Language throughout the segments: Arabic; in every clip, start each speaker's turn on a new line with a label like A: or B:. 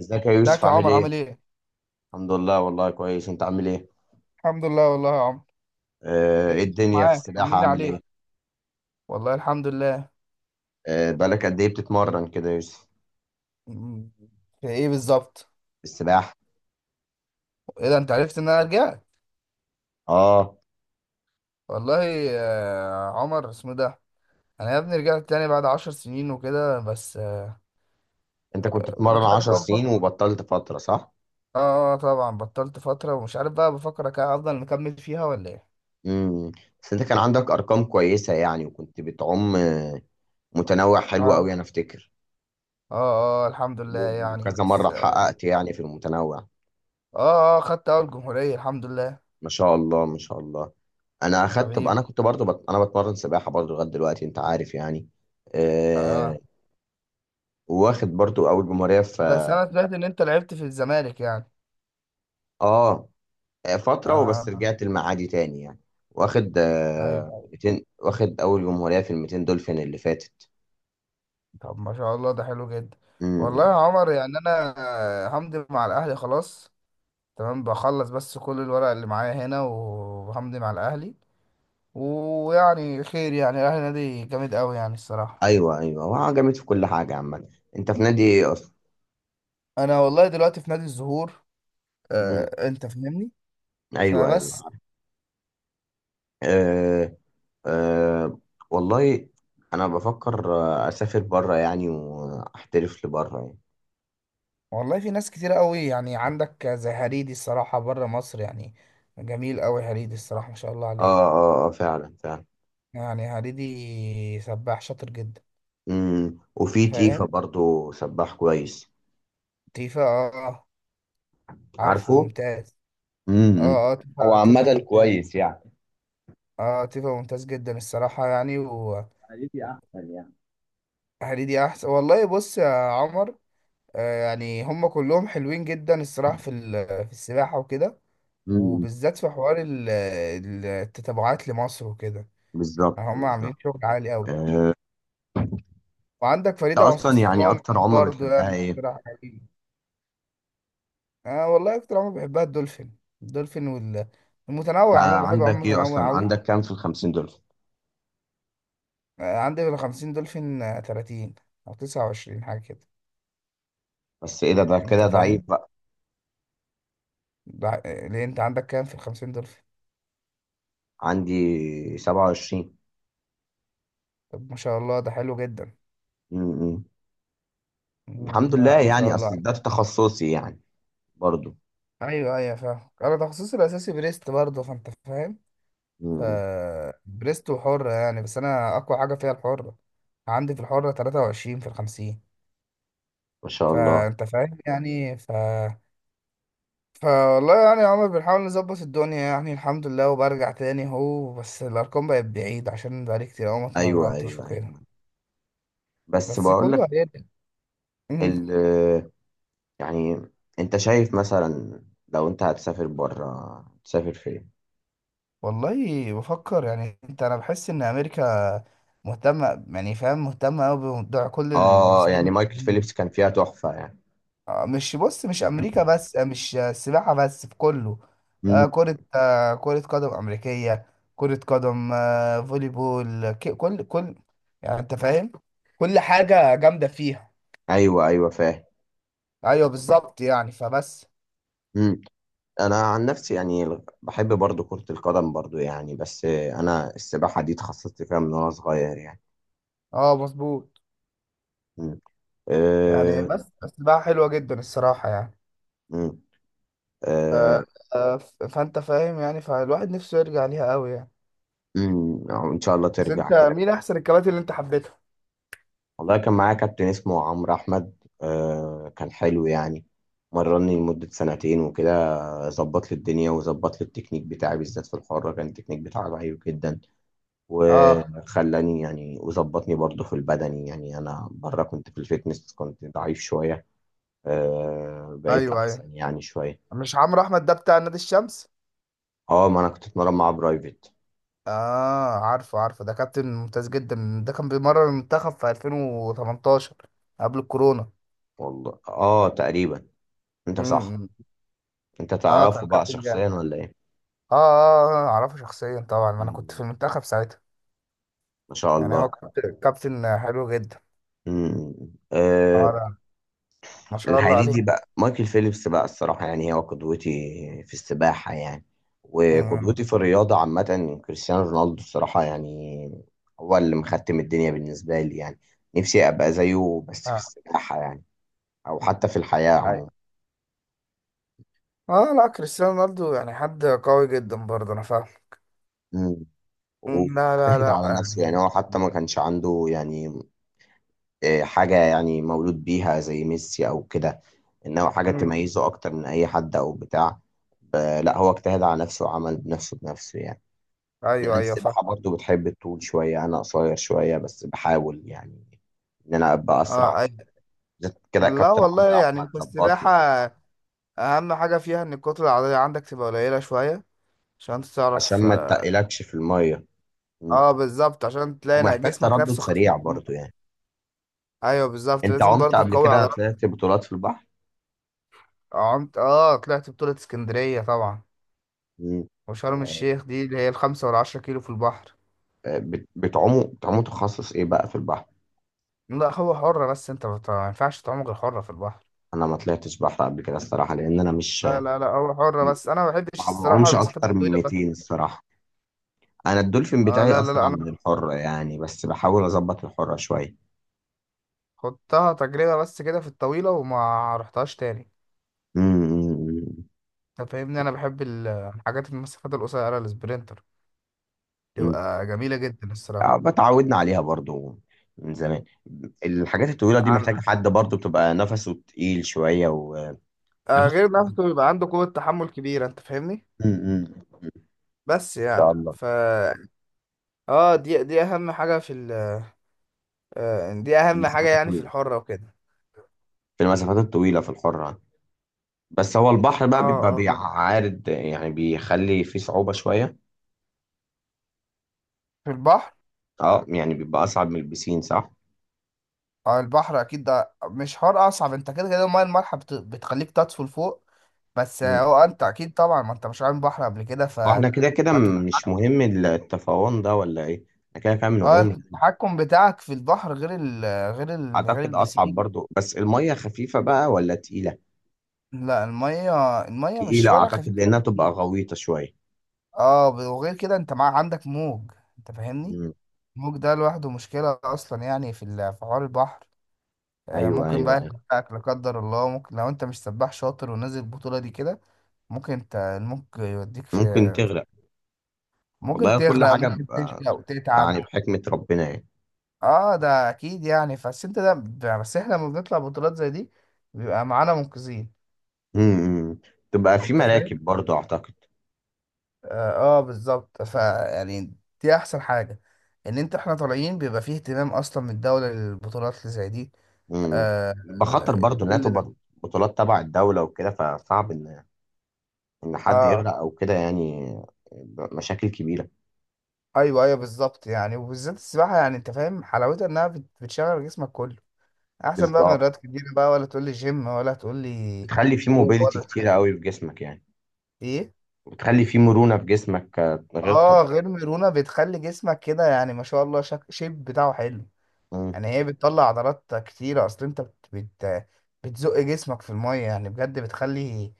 A: ازيك يا يوسف،
B: ازيك يا
A: عامل
B: عمر
A: ايه؟
B: عامل ايه؟
A: الحمد لله والله كويس، انت عامل ايه؟
B: الحمد لله والله يا عمر. ايه
A: ايه
B: الدنيا
A: الدنيا في
B: معاك
A: السباحة،
B: طمني
A: عامل
B: عليك.
A: ايه؟
B: والله الحمد لله.
A: بقالك قد ايه بتتمرن كده يا يوسف؟
B: أمم، في ايه بالظبط؟
A: في السباحة؟
B: ايه ده انت عرفت ان انا رجعت؟
A: اه،
B: والله يا عمر اسمه ده. انا يا ابني رجعت تاني بعد 10 سنين وكده بس.
A: انت كنت بتتمرن
B: مش عارف
A: 10
B: بقى بفكر.
A: سنين وبطلت فترة صح؟
B: اه، طبعا بطلت فترة ومش عارف بقى بفكر افضل مكمل فيها ولا ايه؟
A: امم بس انت كان عندك ارقام كويسة يعني، وكنت بتعوم متنوع حلو
B: اه
A: قوي انا افتكر.
B: اه اه الحمد لله يعني
A: وكذا
B: بس
A: مرة حققت يعني في المتنوع.
B: اه، آه، خدت اول جمهورية الحمد لله.
A: ما شاء الله، ما شاء الله. انا اخدت، انا
B: حبيبي.
A: كنت برضو انا بتمرن سباحة برضو لغاية دلوقتي، انت عارف يعني. آه،
B: اه
A: واخد برضو اول جمهوريه في،
B: بس انا سمعت ان انت لعبت في الزمالك يعني.
A: اه، فتره
B: اه
A: وبس رجعت المعادي تاني يعني. واخد
B: ايوه أيوة.
A: 200، واخد اول جمهوريه في ال 200 دولفين اللي فاتت.
B: طب ما شاء الله ده حلو جدا. والله يا
A: امم
B: عمر يعني انا همضي مع الاهلي خلاص. تمام بخلص بس كل الورق اللي معايا هنا وهمضي مع الاهلي. ويعني خير يعني الاهلي نادي جامد قوي يعني الصراحه.
A: ايوه ايوه، هو جامد في كل حاجه عامه. انت في نادي ايه اصلا؟
B: انا والله دلوقتي في نادي الزهور.
A: امم
B: انت فاهمني.
A: ايوه ايوه.
B: فبس.
A: آه آه، والله انا بفكر اسافر بره يعني واحترف لبره يعني.
B: والله في ناس كتير قوي يعني عندك زي هريدي الصراحه بره مصر يعني. جميل قوي هريدي الصراحه ما شاء الله
A: اه
B: عليه.
A: اه اه، فعلا فعلا.
B: يعني هريدي سباح شاطر جدا.
A: وفي تيفا
B: فاهم.
A: برضو سباح كويس،
B: تيفا اه. عارفه
A: عارفه.
B: ممتاز.
A: امم
B: اه اه
A: هو
B: تيفا تيفا
A: عامة
B: ممتاز.
A: كويس يعني.
B: اه تيفا ممتاز جدا الصراحة يعني وهريدي.
A: حالتي احسن يعني.
B: احسن والله بص يا عمر. يعني هم كلهم حلوين جدا الصراحة في السباحة وكده.
A: امم
B: وبالذات في حوار التتابعات لمصر وكده.
A: بالظبط
B: يعني هم عاملين
A: بالظبط.
B: شغل عالي قوي.
A: آه،
B: وعندك
A: انت
B: فريدة
A: اصلا يعني
B: عثمان.
A: اكتر عمله
B: برضو
A: بتحبها
B: يعني
A: ايه؟ انت
B: اقتراح حقيقي. اه والله اكتر عمر بحبها الدولفين الدولفين والمتنوع عموما بحب
A: عندك
B: عموما
A: ايه
B: متنوع
A: اصلا؟
B: قوي.
A: عندك كام في الخمسين دول؟
B: عندي بال 50 دولفين، 30 او 29 حاجه كده.
A: بس ايه ده، ده
B: انت
A: كده ضعيف
B: فاهم.
A: بقى.
B: ليه انت عندك كام في ال 50 دولفين؟
A: عندي 27.
B: طب ما شاء الله ده حلو جدا.
A: امم الحمد
B: مم،
A: لله
B: لا ما شاء
A: يعني،
B: الله
A: اصل ده
B: عليك.
A: في تخصصي يعني برضو.
B: ايوه ايوه فاهم. انا تخصصي الاساسي بريست برضه فانت فاهم. ف
A: امم
B: بريست وحره يعني بس انا اقوى حاجه فيها الحره. عندي في الحره 23 في ال 50.
A: ما شاء الله.
B: فانت فاهم يعني. فوالله يعني يا عمر بنحاول نظبط الدنيا يعني الحمد لله وبرجع تاني اهو، بس الارقام بقت بعيد عشان بقالي كتير اوي ما
A: ايوه
B: اتمرنتش
A: ايوه
B: وكده.
A: ايوه، بس
B: بس
A: بقول لك،
B: كله هيرجع. مم.
A: ال يعني، انت شايف مثلا لو انت هتسافر بره تسافر فين؟
B: والله بفكر يعني، انت انا بحس ان امريكا مهتمة يعني فاهم، مهتمة اوي بموضوع كل
A: اه يعني
B: السبورت.
A: مايكل فيليبس كان فيها تحفة يعني.
B: مش بص، مش امريكا بس، مش آه، السباحه بس، في كله.
A: مم.
B: كره كره قدم امريكيه. كره قدم، فولي بول، كل كل. يعني انت فاهم. كل حاجه جامده فيها.
A: ايوه ايوه فاهم.
B: ايوه بالظبط يعني فبس.
A: مم. انا عن نفسي يعني بحب برضو كرة القدم برضو يعني، بس انا السباحة دي اتخصصت فيها من وانا صغير يعني.
B: اه مظبوط.
A: مم.
B: يعني
A: آه،
B: بس بقى حلوه جدا الصراحه يعني.
A: مم.
B: آه،
A: آه،
B: فانت فاهم يعني فالواحد نفسه يرجع ليها قوي يعني.
A: ان شاء الله
B: بس
A: ترجع
B: انت
A: كده.
B: مين احسن الكباتن اللي انت حبيتها؟
A: والله كان معايا كابتن اسمه عمرو احمد، كان حلو يعني. مرني لمدة سنتين وكده. ظبط لي الدنيا وظبط لي التكنيك بتاعي، بالذات في الحرة كان التكنيك بتاعي ضعيف جدا.
B: اه
A: وخلاني يعني وظبطني برضه في البدني يعني، انا بره كنت في الفيتنس كنت ضعيف شويه. بقيت
B: ايوه ايوه.
A: احسن يعني شويه.
B: مش عمرو احمد ده بتاع نادي الشمس؟
A: اه، ما انا كنت اتمرن مع برايفت.
B: اه عارفه عارفه، ده كابتن ممتاز جدا، ده كان بيمرن المنتخب في 2018 قبل الكورونا.
A: والله اه تقريبا، انت صح.
B: امم.
A: انت
B: اه كان
A: تعرفه بقى
B: كابتن جامد.
A: شخصيا ولا ايه؟
B: اه اه، اعرفه شخصيا طبعا، ما انا كنت في
A: مم.
B: المنتخب ساعتها.
A: ما شاء
B: يعني هو
A: الله.
B: كابتن كابتن حلو جدا.
A: مم.
B: اه
A: آه
B: لا ما شاء الله
A: الحقيقي
B: عليه.
A: بقى مايكل فيليبس بقى الصراحة يعني، هو قدوتي في السباحة يعني،
B: امم.
A: وقدوتي في الرياضة عامة كريستيانو رونالدو الصراحة يعني. هو اللي مختم الدنيا بالنسبة لي يعني. نفسي أبقى زيه بس في
B: اه
A: السباحة يعني، أو حتى في الحياة عموما.
B: أيوة. اه لا كريستيانو رونالدو يعني حد قوي جدا برضه، انا فاهم.
A: مم.
B: مم، لا لا
A: واجتهد
B: لا
A: على نفسه يعني،
B: يعني.
A: هو حتى ما كانش عنده يعني حاجة يعني، مولود بيها زي ميسي أو كده، إنه حاجة
B: امم.
A: تميزه أكتر من أي حد أو بتاع. ب- لا، هو اجتهد على نفسه وعمل بنفسه بنفسه يعني. يعني
B: ايوه ايوه فاهم.
A: السباحة برضو بتحب الطول شوية، أنا قصير شوية بس بحاول يعني إن أنا أبقى أسرع.
B: اه ايوه.
A: بالذات كده
B: لا
A: كابتن
B: والله
A: عمرو أحمد
B: يعني في
A: ظبطني
B: السباحة
A: في
B: اهم حاجه فيها ان الكتله العضليه عندك تبقى قليله شويه عشان انت تعرف،
A: عشان ما
B: اه.
A: تتقلكش في المية. مم.
B: بالظبط عشان تلاقي
A: ومحتاج
B: جسمك
A: تردد
B: نفسه خفيف.
A: سريع برضو يعني.
B: ايوه بالظبط،
A: أنت
B: لازم
A: عمت
B: برضه
A: قبل
B: تقوي
A: كده
B: عضلات.
A: طلعت بطولات في البحر؟
B: عمت، اه، طلعت بطوله اسكندريه طبعا.
A: مم.
B: وشرم الشيخ دي اللي هي ال5 وال10 كيلو في البحر.
A: بتعوموا بتعوموا تخصص إيه بقى في البحر؟
B: لا هو حرة بس، انت ما ينفعش تعوم غير حرة في البحر.
A: أنا ما طلعتش بحر قبل كده الصراحة، لأن أنا مش،
B: لا لا لا، هو حرة بس انا ما بحبش
A: ما
B: الصراحة
A: بعومش
B: المسافات
A: أكتر من
B: الطويلة بس.
A: 200 الصراحة. أنا الدولفين
B: اه
A: بتاعي
B: لا لا لا،
A: أسرع
B: انا
A: من الحرة يعني، بس بحاول أظبط الحرة شوية.
B: خدتها تجربة بس كده في الطويلة وما رحتهاش تاني.
A: مم.
B: انت فاهمني، انا بحب الحاجات، المسافات القصيرة السبرنت
A: مم.
B: تبقى جميلة جدا الصراحة.
A: اتعودنا عليها برضو من زمان. الحاجات الطويلة دي
B: عن
A: محتاجة حد برضو بتبقى نفسه تقيل شوية و،
B: آه
A: نفس،
B: غير نفسه بيبقى عنده قوة تحمل كبيرة، انت فاهمني.
A: مم، مم، مم.
B: بس
A: إن
B: يعني
A: شاء الله.
B: ف اه دي اهم حاجة في ال، دي
A: في
B: اهم حاجة
A: المسافات
B: يعني في
A: الطويلة،
B: الحرة وكده.
A: في المسافات الطويلة في الحرة. بس هو البحر
B: اه
A: بقى بيبقى
B: اه،
A: بيعارض يعني بيخلي فيه صعوبة شوية.
B: في البحر.
A: اه يعني بيبقى أصعب من البسين صح؟
B: اه البحر اكيد ده مش حوار اصعب، انت كده كده المايه المالحه بتخليك تطفو لفوق. بس،
A: مم.
B: هو انت اكيد طبعا ما انت مش عامل بحر قبل كده.
A: هو احنا كده كده
B: فانت،
A: مش مهم التفاون ده ولا ايه؟ احنا كده كده
B: اه،
A: بنعوم.
B: انت التحكم بتاعك في البحر غير ال، غير ال غير
A: أعتقد أصعب
B: البسين.
A: برضو، بس المية خفيفة بقى ولا تقيلة؟
B: لا الميه الميه مش
A: تقيلة
B: ولا
A: أعتقد،
B: خفيفه.
A: لأنها تبقى غويطة شوية.
B: اه، وغير كده انت مع عندك موج. انت فاهمني.
A: مم.
B: الموج ده لوحده مشكلة اصلا يعني في حوار البحر.
A: أيوه
B: ممكن
A: أيوه
B: بقى
A: أيوه.
B: يوقعك لا قدر الله، ممكن لو انت مش سباح شاطر ونازل البطولة دي كده ممكن انت الموج يوديك في.
A: ممكن تغرق.
B: ممكن
A: والله كل
B: تغرق،
A: حاجة
B: ممكن تشقى وتتعب.
A: يعني بحكمة ربنا يعني.
B: اه ده اكيد يعني، بس انت ده ب- بس احنا لما بنطلع بطولات زي دي بيبقى معانا منقذين.
A: مم. تبقى في
B: انت فاهم.
A: مراكب برضو أعتقد.
B: اه، بالظبط ف يعني، دي احسن حاجة، ان انت احنا طالعين بيبقى فيه اهتمام اصلا من الدولة للبطولات اللي زي دي.
A: مم.
B: آه
A: بخطر برضو إنها
B: كل ده.
A: تبقى بطولات تبع الدولة وكده، فصعب إن، إن حد
B: اه
A: يغرق أو كده يعني. مشاكل كبيرة.
B: ايوه ايوه بالظبط يعني، وبالذات السباحه يعني انت فاهم حلاوتها، انها بتشغل جسمك كله. احسن بقى من
A: بالظبط،
B: رياضات كتير بقى، ولا تقول لي جيم ولا تقول لي
A: بتخلي في
B: كوره
A: موبيليتي
B: ولا
A: كتيرة
B: حاجه.
A: قوي في جسمك يعني،
B: ايه.
A: وبتخلي في مرونة في جسمك غير
B: اه غير
A: طبيعية.
B: ميرونه بتخلي جسمك كده، يعني ما شاء الله، شيب بتاعه حلو.
A: مم.
B: يعني هي بتطلع عضلات كتيرة، اصل انت بتزق جسمك في المية، يعني بجد بتخلي.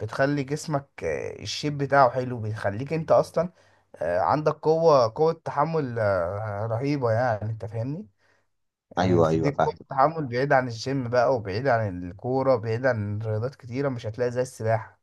B: بتخلي جسمك، الشيب بتاعه حلو بيخليك انت اصلا، عندك قوة تحمل، رهيبة، يعني انت فاهمني. يعني
A: أيوه
B: بتديك قوة
A: أيوه
B: تحمل بعيد عن الجيم بقى وبعيد عن الكورة، بعيد عن رياضات كتيرة، مش هتلاقي زي السباحة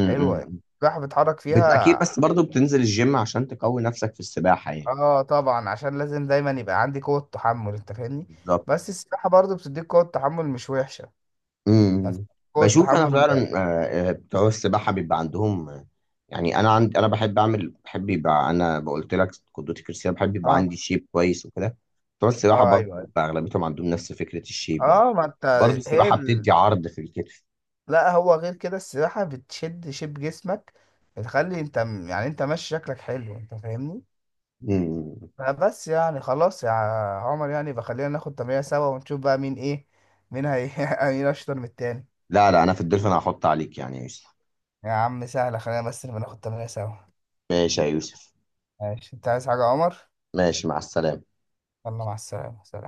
B: حلوة يعني. السباحة بتحرك
A: اكيد،
B: فيها.
A: بس برضو بتنزل الجيم عشان تقوي نفسك في السباحة يعني.
B: اه طبعا عشان لازم دايما يبقى عندي قوة تحمل، انت فاهمني.
A: بالظبط.
B: بس السباحة برضو بتديك قوة تحمل مش وحشة.
A: امم
B: كود
A: بشوف انا
B: تحمل.
A: فعلا بتوع السباحة بيبقى عندهم يعني انا عندي، انا بحب اعمل، بحب يبقى، انا قلت لك قدوتي كريستيانو، بحب يبقى
B: اه
A: عندي شيب كويس وكده. بتوع السباحة
B: اه
A: برضو
B: ايوه ايوه.
A: بيبقى اغلبيتهم عندهم نفس فكرة الشيب يعني.
B: اه ما انت.
A: برضو
B: هي
A: السباحة
B: ال...
A: بتدي عرض في الكتف.
B: لا هو غير كده السباحة بتشد شيب جسمك، بتخلي انت يعني انت ماشي شكلك حلو، انت فاهمني.
A: امم
B: فبس يعني خلاص يا عمر، يعني بخلينا ناخد تمرين سوا ونشوف بقى مين ايه، مين هي مين اشطر من التاني.
A: لا لا، انا في الدلفين هحط عليك يعني يا يوسف.
B: يا عم سهلة، خلينا بس نبقى ناخد تمرين سوا.
A: ماشي يا يوسف.
B: ماشي. انت عايز حاجة يا عمر؟
A: ماشي، مع السلامة.
B: يلا مع السلامة.